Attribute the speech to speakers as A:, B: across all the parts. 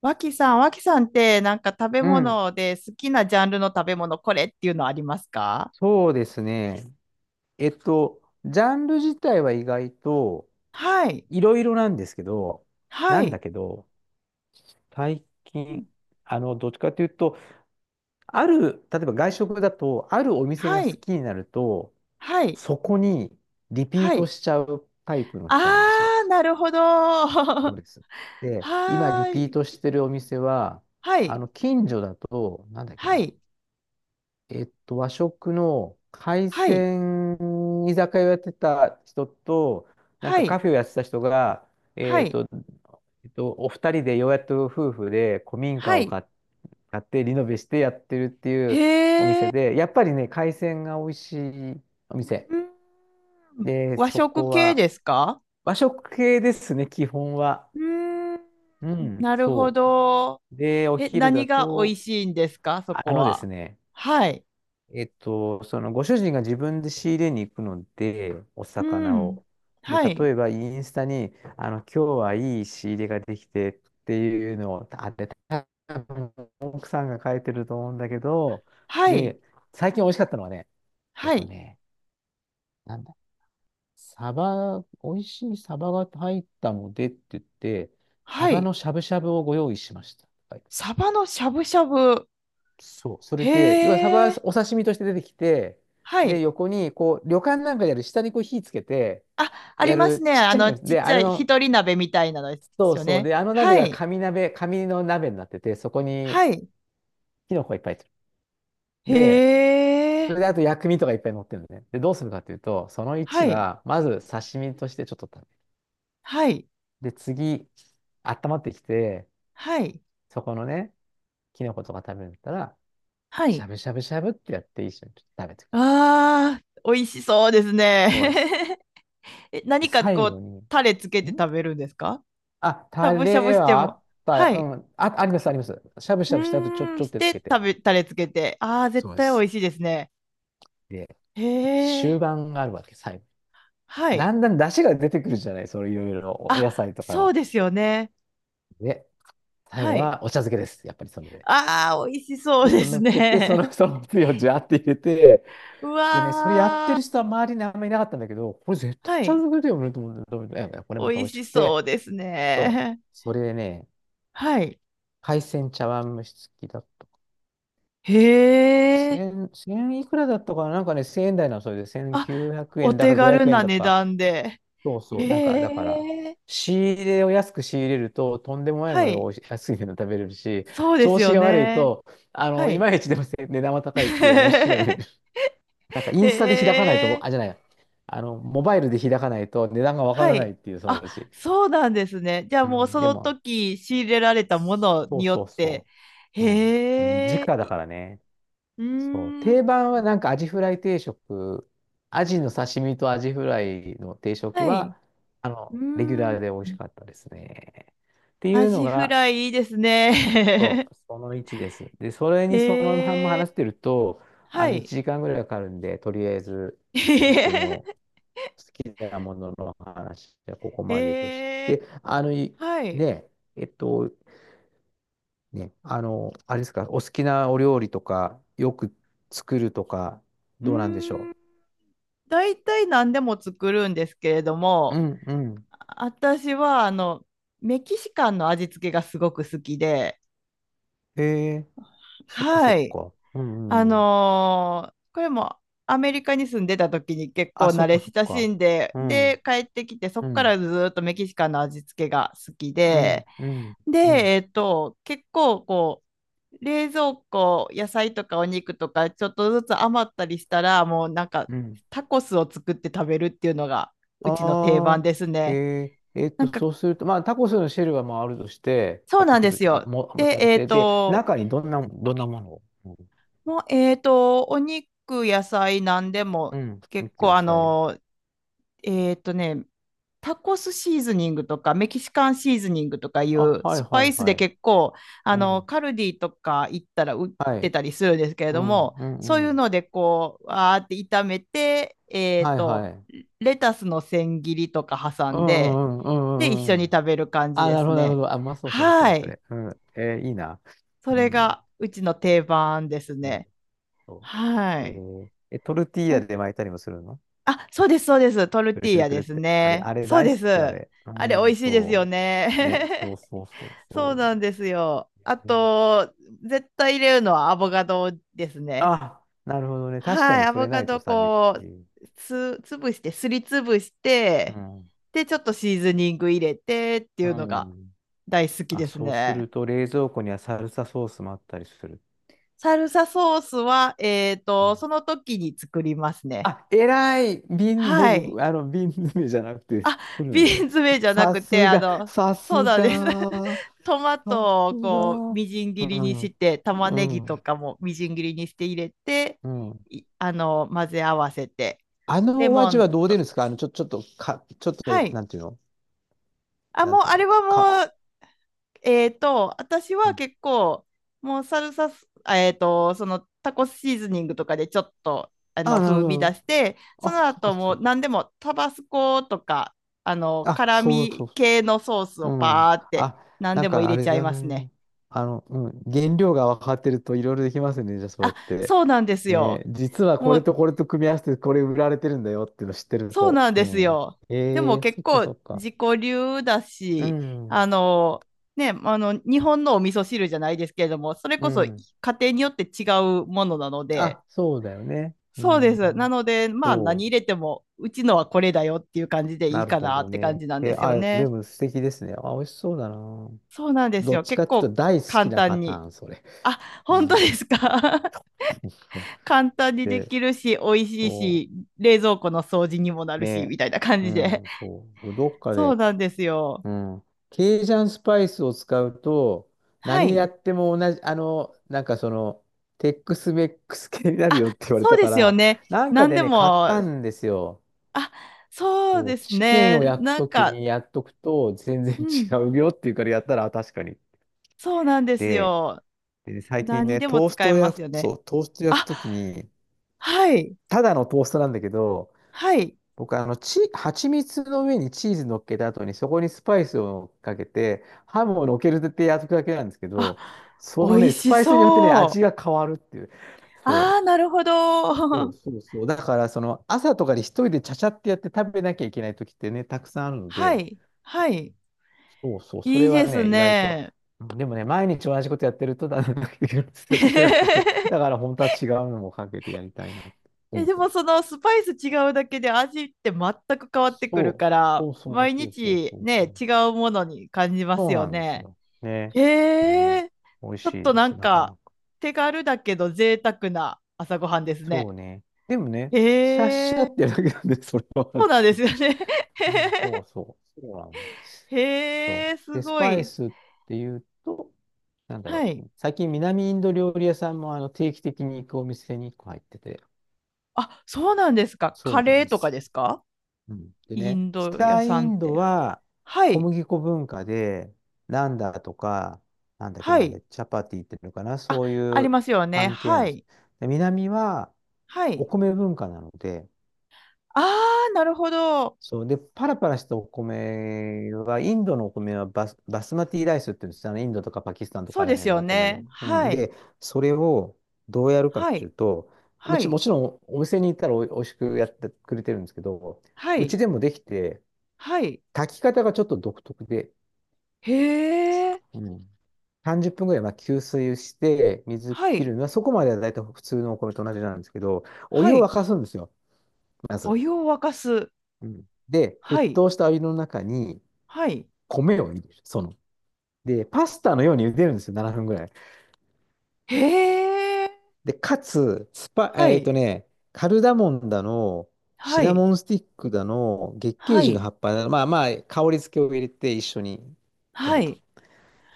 A: 脇さんってなんか食べ
B: うん、
A: 物で好きなジャンルの食べ物これっていうのありますか？
B: そうですね。えっと、ジャンル自体は意外と
A: はい、
B: いろいろなんですけど、
A: は
B: なんだ
A: い、
B: けど、最
A: うん。
B: 近、どっちかというと、例えば外食だと、あるお店が
A: は
B: 好
A: い、
B: きになると、
A: はい、
B: そこにリピー
A: は
B: ト
A: い。
B: しちゃうタイプの
A: あ
B: 人なんですよ。
A: ー、なるほど。
B: そ
A: は
B: うです。で、今リ
A: ー
B: ピー
A: い、
B: トしてるお店は、
A: はい、
B: 近所だと、なんだっけ
A: は
B: な、
A: い、
B: 和食の海
A: はい、
B: 鮮居酒屋をやってた人と、なん
A: は
B: かカ
A: い、
B: フェをやってた人が、
A: は
B: えっ
A: い、
B: と、お二人でようやっと夫婦で古民
A: は
B: 家を
A: い。
B: 買っ買ってリノベしてやってるっていうお
A: へ
B: 店
A: ー、
B: で、やっぱりね、海鮮が美味しいお店。
A: うん。
B: で、
A: 和
B: そ
A: 食
B: こ
A: 系
B: は
A: ですか？
B: 和食系ですね、基本は。
A: うーん、
B: うん、
A: なるほ
B: そ
A: ど。
B: う。で、お
A: え、
B: 昼
A: 何
B: だ
A: が美味
B: と、
A: しいんですか、そ
B: あ
A: こ
B: のです
A: は？
B: ね、
A: はい。
B: そのご主人が自分で仕入れに行くので、お
A: う
B: 魚
A: ん。
B: を。で、
A: は
B: 例
A: い。
B: えばインスタに、あの、今日はいい仕入れができてっていうのを、多分奥さんが書いてると思うんだけど、
A: はい。
B: で、最近美味しかったのはね、えっ
A: は
B: と
A: い。
B: ね、なんだ、美味しいサバが入ったのでって言って、サ
A: は
B: バ
A: い。
B: のしゃぶしゃぶをご用意しました。はい。
A: サバのしゃぶしゃぶ。
B: そう、そ
A: へ
B: れで、要はサバ、
A: え。
B: お刺身として出てきて、
A: は
B: で、
A: い。
B: 横に、こう、旅館なんかでやる、下にこう火つけて、
A: あ、あり
B: や
A: ます
B: る
A: ね。
B: ちっ
A: あ
B: ちゃい
A: の、
B: 鍋。
A: ちっ
B: で、
A: ち
B: あ
A: ゃ
B: れ
A: い、ひ
B: の、
A: とり鍋みたいなので
B: そ
A: す
B: う
A: よ
B: そう、
A: ね。
B: で、あの鍋
A: は
B: が
A: い。
B: 紙鍋、紙の鍋になってて、そこに
A: はい。
B: キノコがいっぱい入ってる。で、
A: へ
B: そ
A: え。
B: れであと薬味とかいっぱい乗ってるのね。で、どうするかというと、その
A: は
B: 1
A: い。
B: は、まず刺身としてちょっと食
A: はい。
B: べる。で、次、温まってきて、
A: はい。
B: そこのね、キノコとか食べるんだったら、
A: は
B: しゃ
A: い。
B: ぶしゃぶしゃぶってやって一緒にちょっと食べてくる。
A: ああ、美味しそうです
B: そうです。
A: ね。え、
B: で、
A: 何か
B: 最
A: こ
B: 後
A: う、
B: に、
A: タレつけて
B: ん、
A: 食べるんですか？
B: あ、
A: しゃ
B: タ
A: ぶしゃぶ
B: レ
A: して
B: はあ
A: も。
B: っ
A: は
B: た、
A: い。
B: うん、あ、あります、あります。しゃぶし
A: う
B: ゃぶした後、
A: ー
B: ち
A: ん、
B: ょっ
A: し
B: とつ
A: て
B: けて。
A: 食べ、タレつけて。ああ、絶
B: そうで
A: 対美
B: す。
A: 味しいですね。
B: で、
A: へえ、
B: 終盤があるわけ、最後。
A: はい。
B: だんだん出汁が出てくるじゃない、それいろいろお
A: あ、
B: 野菜とか
A: そう
B: の。
A: ですよね。
B: で、最後
A: はい。
B: はお茶漬けです。やっぱりそれで。
A: ああ、美味しそ
B: ちょ
A: う
B: っ
A: で
B: と乗
A: す
B: っけて、
A: ね。
B: そのつゆをジャーって入れて、
A: う
B: でね、それやって
A: わ
B: る人は
A: ー、
B: 周りにあんまりいなかったんだけど、これ絶対茶
A: はい。
B: 漬けだよねと思って、どう見てもいやいやこれまた
A: 美
B: 美
A: 味
B: 味し
A: し
B: く
A: そう
B: て、
A: です
B: そう、
A: ね。
B: それでね、
A: はい。
B: 海鮮茶碗蒸し付きだ、
A: へえ、
B: 千いくらだったかななんかね、千円台なの、それで
A: あ、
B: 1900
A: お
B: 円だ
A: 手
B: か500
A: 軽
B: 円
A: な
B: だ
A: 値
B: か。
A: 段で。
B: そう
A: へ
B: そう。なんか、だから、
A: え、
B: 仕入れを安く仕入れると、とんでもない
A: は
B: ものが
A: い。
B: おいし、 安いの食べれるし、
A: そうで
B: 調
A: す
B: 子
A: よ
B: が悪い
A: ね。
B: と、あ
A: は
B: の、い
A: い。
B: まいちでもせ値段は高いっていう面白い ね。なんか、イ
A: へ
B: ンスタで開かないと、
A: え、
B: あ、じゃない。あの、モバイルで開かないと値段がわか
A: は
B: らないっ
A: い。
B: ていう、その
A: あ、
B: うち。
A: そうなんですね。じゃあ
B: う
A: もう
B: ん、
A: そ
B: で
A: の
B: も、
A: 時仕入れられたもの
B: そ
A: に
B: う
A: よ
B: そ
A: っ
B: う
A: て。
B: そう。うん。時
A: へえ、
B: 価だからね。
A: う
B: そう。
A: ーん。
B: 定番はなんかアジフライ定食、アジの刺身とアジフライの定食
A: はい。
B: は、あ
A: う
B: の、
A: ー
B: レギュラ
A: ん。
B: ーで美味しかったですね。ってい
A: ア
B: うの
A: ジフ
B: が、
A: ライいいです
B: そ
A: ね。
B: う、その1です。で、それ にそのまんま
A: へえ
B: 話して
A: ー、
B: ると、
A: は
B: あの、
A: い。
B: 1時間ぐらいかかるんで、とりあえず 僕の好
A: へ
B: きなものの話はここまでとし
A: え
B: て、あの、い、
A: ー、はい。
B: ね、えっと、ね、あの、あれですか、お好きなお料理とか、よく作るとか、
A: う
B: どうなんでし
A: ー
B: ょ
A: ん。
B: う。
A: 大体何でも作るんですけれど
B: う
A: も、
B: んうん。
A: 私はメキシカンの味付けがすごく好きで、
B: へえ、そっかそっ
A: はい。
B: か。うんうん。
A: これもアメリカに住んでた時に結構
B: あ、そ
A: 慣
B: っ
A: れ
B: かそっ
A: 親し
B: か。
A: んで、
B: うん、う
A: で、
B: ん、
A: 帰ってきて、そ
B: う
A: こか
B: ん、
A: らずーっとメキシカンの味付けが好き
B: う
A: で、
B: ん、う
A: で、
B: ん、
A: 結構こう、冷蔵庫、野菜とかお肉とか、ちょっとずつ余ったりしたら、もうなんか、
B: うん。
A: タコスを作って食べるっていうのが、うちの定番
B: あ
A: です
B: あ、へ
A: ね。
B: え、
A: なんか、
B: そうすると、まあ、タコスのシェルはまああるとして、
A: そう
B: 買って
A: なん
B: く
A: で
B: る
A: す
B: と、
A: よ。
B: 持
A: で、
B: ち歩いて、で、中にどんな、どんなものを、う
A: もう、お肉、野菜、なんでも、
B: ん、う
A: 結
B: ん、く
A: 構
B: ださい。
A: えーっとね、タコスシーズニングとかメキシカンシーズニングとかい
B: あ、
A: う
B: はい
A: スパ
B: は
A: イ
B: い
A: スで
B: はい。
A: 結構
B: うん、
A: カルディとか行ったら売っ
B: は
A: て
B: い。
A: たりするんですけれ
B: う
A: ど
B: ん、
A: も、
B: う
A: そう
B: ん、
A: い
B: う
A: う
B: ん。
A: のでこうわーって炒めて、
B: はいはい。
A: レタスの千切りとか挟
B: う
A: んで、
B: んうんう
A: で一
B: んうん
A: 緒
B: うんう
A: に
B: ん。
A: 食べる感じ
B: あ、
A: で
B: なる
A: す
B: ほど、なるほ
A: ね。
B: ど。あ、まあそう、
A: は
B: そ
A: い。
B: れ。うん。えーいいな。
A: そ
B: う
A: れ
B: ん。
A: がうちの定番です
B: なる
A: ね。
B: ほど。
A: は
B: え
A: い。
B: ー、え、トルティー
A: な
B: ヤ
A: ん
B: で巻いたりもするの、
A: あ、そうです、そうです。トル
B: く
A: テ
B: る
A: ィー
B: くる
A: ヤ
B: くる
A: で
B: っ
A: す
B: て。あれ、
A: ね。
B: あれ
A: そう
B: 大
A: で
B: 好き、あ
A: す。
B: れ。う
A: あれ、美
B: ん、
A: 味しいですよ
B: そ
A: ね。
B: う。ね、そうそうそう
A: そうな
B: そ
A: んですよ。
B: う。
A: あ
B: えー、
A: と、絶対入れるのはアボカドですね。
B: あ、なるほどね。確か
A: はい、
B: に
A: ア
B: そ
A: ボ
B: れな
A: カ
B: いと
A: ド
B: 寂し
A: こう、
B: い。
A: つ、ぶして、すりつぶし
B: う
A: て、
B: ん。
A: で、ちょっとシーズニング入れてって
B: う
A: いうのが
B: ん。
A: 大好き
B: あ、
A: です
B: そうす
A: ね。
B: ると冷蔵庫にはサルサソースもあったりする。
A: サルサソースは、
B: うん、
A: その時に作りますね。
B: あ、偉い、瓶、
A: はい。
B: 僕、あの、瓶詰めじゃなくて作る
A: ビ
B: の
A: ー
B: で、
A: ンズめじゃな
B: さ
A: くて、
B: すが、さ
A: そう
B: す
A: なんです。
B: が、
A: トマ
B: さ
A: トを
B: す
A: こう、
B: が、
A: みじん
B: う
A: 切りに
B: ん、
A: して、玉ね
B: う
A: ぎと
B: ん、
A: かもみじん切りにして入れて、
B: うん。
A: いあの、混ぜ合わせて、
B: あ
A: レ
B: のお
A: モ
B: 味は
A: ン
B: どう出る
A: と、
B: んですかあの、ちょっと、ちょっ
A: は
B: と、
A: い。
B: なんていうの、
A: あ、
B: な
A: も
B: ん
A: う、
B: ていう
A: あ
B: か、
A: れは
B: か。
A: もう、私
B: う
A: は
B: ん、
A: 結構、もうサルサス、あえっと、そのタコシーズニングとかでちょっと、
B: あ、なる
A: 風
B: ほ
A: 味出
B: ど。
A: して、そ
B: あ、
A: の後も
B: そっ
A: う
B: か。
A: 何でもタバスコとか、
B: あ、
A: 辛
B: そうそ
A: 味系のソース
B: う、
A: を
B: う
A: パ
B: ん。
A: ーって
B: あ、
A: 何
B: なん
A: でも入
B: かあ
A: れ
B: れ
A: ちゃい
B: だ
A: ますね。
B: ね。あの、うん。原料が分かってるといろいろできますね。じゃあそうやっ
A: あ、
B: て。
A: そうなんです
B: ね。
A: よ。
B: 実はこ
A: も
B: れ
A: う、
B: とこれと組み合わせてこれ売られてるんだよっていうの知ってる
A: そう
B: と。
A: なん
B: う
A: です
B: ん。
A: よ。
B: え
A: でも
B: え、
A: 結構
B: そっか。
A: 自己流だ
B: う
A: し、
B: ん。
A: あの、日本のお味噌汁じゃないですけれども、それ
B: う
A: こそ家
B: ん。
A: 庭によって違うものなので、
B: あ、そうだよね。う
A: そうで
B: ん。
A: す。なので、まあ
B: そ
A: 何入
B: う。
A: れても、うちのはこれだよっていう感じでい
B: な
A: い
B: る
A: か
B: ほ
A: な
B: ど
A: って感
B: ね。
A: じなんで
B: え、
A: すよ
B: あ、で
A: ね。
B: も素敵ですね。あ、美味しそうだな。
A: そうなんです
B: どっ
A: よ。
B: ちか
A: 結
B: っていうと
A: 構
B: 大好き
A: 簡
B: なパ
A: 単
B: タ
A: に。
B: ーン、それ。
A: あ、
B: う
A: 本当
B: ん。
A: ですか？
B: そうそう、
A: 簡単にで
B: で、
A: きるし、美味しい
B: そ
A: し、
B: う
A: 冷蔵庫の掃除にもなるし、み
B: ね、
A: たいな感
B: う
A: じで。
B: ん、そう、どっか
A: そう
B: で、
A: なんですよ。
B: うん、ケイジャンスパイスを使うと、
A: は
B: 何や
A: い。
B: っても同じ、あの、なんかその、テックスメックス系になるよっ
A: あ、
B: て言われ
A: そう
B: た
A: で
B: か
A: すよ
B: ら、
A: ね。
B: なんか
A: 何
B: で
A: で
B: ね、買っ
A: も、
B: たんですよ。
A: あ、そう
B: こ
A: で
B: う
A: す
B: チキン
A: ね。
B: を焼く
A: なん
B: とき
A: か、
B: にやっとくと全然
A: うん、
B: 違うよっていうからやったら、あ確かに。
A: そうなんです
B: で、
A: よ。
B: でね最近
A: 何
B: ね、
A: でも使えますよね。
B: トーストを焼く
A: あ、
B: ときに、
A: はい、
B: ただのトーストなんだけど、
A: はい。
B: 僕はあの、蜂蜜の上にチーズ乗っけた後に、そこにスパイスをかけて、ハムを乗っけるってやつだけなんですけ
A: あ、
B: ど、
A: 美
B: その
A: 味
B: ね、ス
A: し
B: パイスによってね、
A: そ
B: 味が
A: う。
B: 変わるっていう。そう。
A: ああ、なるほど。
B: そう そうそう。だから、その、朝とかに一人でちゃちゃってやって食べなきゃいけない時ってね、たくさんあるの
A: は
B: で、
A: い、はい。
B: そうそう、そ
A: い
B: れ
A: いで
B: は
A: す
B: ね、意外と。
A: ね。
B: でもね、毎日同じことやってると、だんだん飽きてくるんですよ、これがまた。だから、本当は違うのもかけてやりたいなと
A: え、
B: 思っ
A: で
B: て
A: も
B: ま
A: そのスパイス違うだけで味って全く変わって
B: す。
A: くる
B: そ
A: か
B: う。
A: ら、
B: そうそう
A: 毎
B: そうそう
A: 日
B: そうそう。
A: ね、違うものに感じます
B: そう
A: よ
B: なんです
A: ね。
B: よ。ね。
A: へ
B: うん。
A: え、
B: 美味
A: ちょ
B: し
A: っ
B: い
A: と
B: で
A: な
B: す、
A: ん
B: なかな
A: か
B: か。
A: 手軽だけど贅沢な朝ごはんです
B: そう
A: ね。
B: ね。でもね、シャッシャ
A: へえ、
B: ってだけなんで、それはあ
A: そ
B: る
A: う
B: っ
A: なんで
B: てい
A: すよね。
B: う。うん、そうそう。そうなんです。
A: へ
B: そ
A: え、
B: う。
A: す
B: で、ス
A: ご
B: パイ
A: い。
B: スっていうと、なんだろ
A: はい。
B: う。最近南インド料理屋さんもあの定期的に行くお店に1個入ってて、
A: あ、そうなんですか。
B: そ
A: カ
B: うな
A: レ
B: ん
A: ー
B: で
A: とか
B: す。
A: ですか？
B: うん、で
A: イ
B: ね、
A: ンド屋
B: 北
A: さ
B: イ
A: んっ
B: ンド
A: て。
B: は
A: は
B: 小
A: い。
B: 麦粉文化で、ナンダとか、なんだっけ
A: は
B: な、あ
A: い。
B: れチャパティっていうのかな、
A: あ、
B: そう
A: あ
B: い
A: り
B: う
A: ますよ
B: パ
A: ね。
B: ン系な
A: は
B: んです。
A: い。
B: で、南は
A: は
B: お
A: い。
B: 米文化なので、
A: ああ、なるほど。
B: そう、で、パラパラしたお米は、インドのお米はバスマティライスって言うんですよ、あの、インドとかパキスタンと
A: そ
B: か
A: う
B: あら
A: です
B: 辺の
A: よ
B: お米
A: ね。
B: の。う
A: は
B: ん、
A: い。
B: で、それをどうやるかっ
A: は
B: てい
A: い。
B: うと、
A: はい。
B: もちろんお店に行ったらおいしくやってくれてるんですけど、
A: は
B: う
A: い。
B: ちでもできて、
A: はい。
B: 炊き方がちょっと独特で、
A: へえ。
B: うん。30分ぐらいまあ吸水して、水
A: は
B: 切
A: い。
B: るのは、そこまでは大体普通のお米と同じなんですけど、お
A: は
B: 湯を
A: い。
B: 沸かすんですよ、ま
A: お
B: ず。
A: 湯を沸かす。
B: うん。で、
A: は
B: 沸
A: い。
B: 騰したお湯の中に
A: はい。
B: 米を入れる、その。で、パスタのように茹でるんですよ、7分ぐらい。
A: へえ。
B: で、かつ、スパ、
A: は
B: えっ
A: い。
B: とね、カルダモンだの、シ
A: は
B: ナ
A: い。
B: モンスティックだの、月桂
A: は
B: 樹の
A: い。
B: 葉っぱだの、まあまあ、香り付けを入れて一緒にや
A: は
B: ると。
A: い。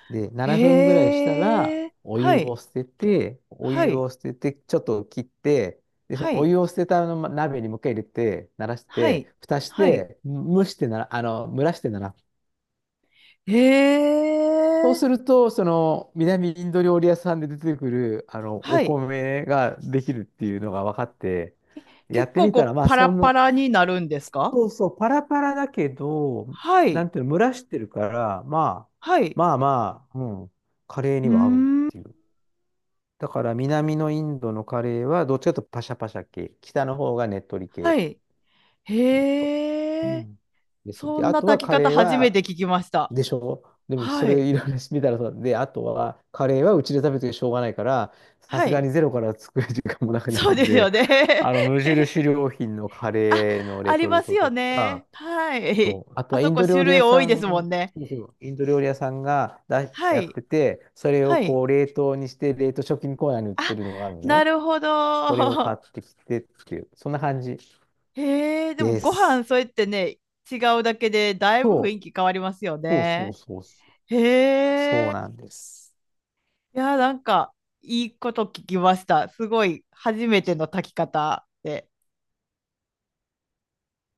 B: で、7分ぐらいしたら、
A: へえ。はい。
B: お
A: は
B: 湯
A: い。
B: を捨てて、ちょっと切って、で、その
A: は
B: お
A: い。
B: 湯を捨てたあの鍋にもう一回入れて、慣らし
A: はい。
B: て、蓋し
A: はい。
B: て、蒸らしてなら。
A: へ
B: そう
A: え。
B: すると、その、南インド料理屋さんで出てくる、あの、
A: は
B: お
A: い。
B: 米ができるっていうのが分かって、や
A: 結
B: って
A: 構
B: み
A: こ
B: たら、
A: う、
B: まあ、
A: パラ
B: そん
A: パ
B: な、
A: ラになるんですか？
B: そうそう、パラパラだけど、
A: は
B: な
A: い。
B: んていうの、蒸らしてるから、まあ、
A: はい。
B: まあまあ、うん、カレー
A: うー
B: には合うっ
A: ん。
B: ていう。だから南のインドのカレーはどっちかというとパシャパシャ系。北の方がねっとり系っ
A: は
B: て
A: い。
B: いうと。う
A: へえ。
B: ん。です。
A: そ
B: で、
A: ん
B: あ
A: な
B: とは
A: 炊き
B: カ
A: 方
B: レー
A: 初め
B: は、
A: て聞きました。
B: でしょ、でもそ
A: は
B: れ
A: い。
B: いろいろ見たらそうで、あとはカレーはうちで食べてしょうがないから、さ
A: は
B: すが
A: い。
B: にゼロから作る時間もなくない
A: そう
B: の
A: です
B: で、
A: よ ね。
B: あの無 印良品のカ
A: あ、
B: レーのレ
A: あり
B: トル
A: ます
B: トと
A: よ
B: か、
A: ね。はい。
B: そうあ と
A: あ
B: はイ
A: そ
B: ン
A: こ
B: ド料
A: 種
B: 理屋
A: 類多い
B: さ
A: ですも
B: ん、
A: んね。
B: そうそうインド料理屋さんが
A: は
B: やっ
A: い。
B: てて、それを
A: はい。
B: こう冷凍にして冷凍食品コーナーに売って
A: あ、
B: るのがあるの
A: な
B: ね。
A: るほ
B: これを買っ
A: ど。
B: てきてっていう、そんな感じ
A: へえ、でも
B: で
A: ご飯
B: す。
A: そうやってね、違うだけでだいぶ雰
B: そ
A: 囲
B: う、
A: 気変わりますよ
B: そうそう
A: ね。
B: そうそう。そ
A: へ
B: う
A: え。
B: なんです。
A: いや、なんかいいこと聞きました。すごい初めての炊き方で。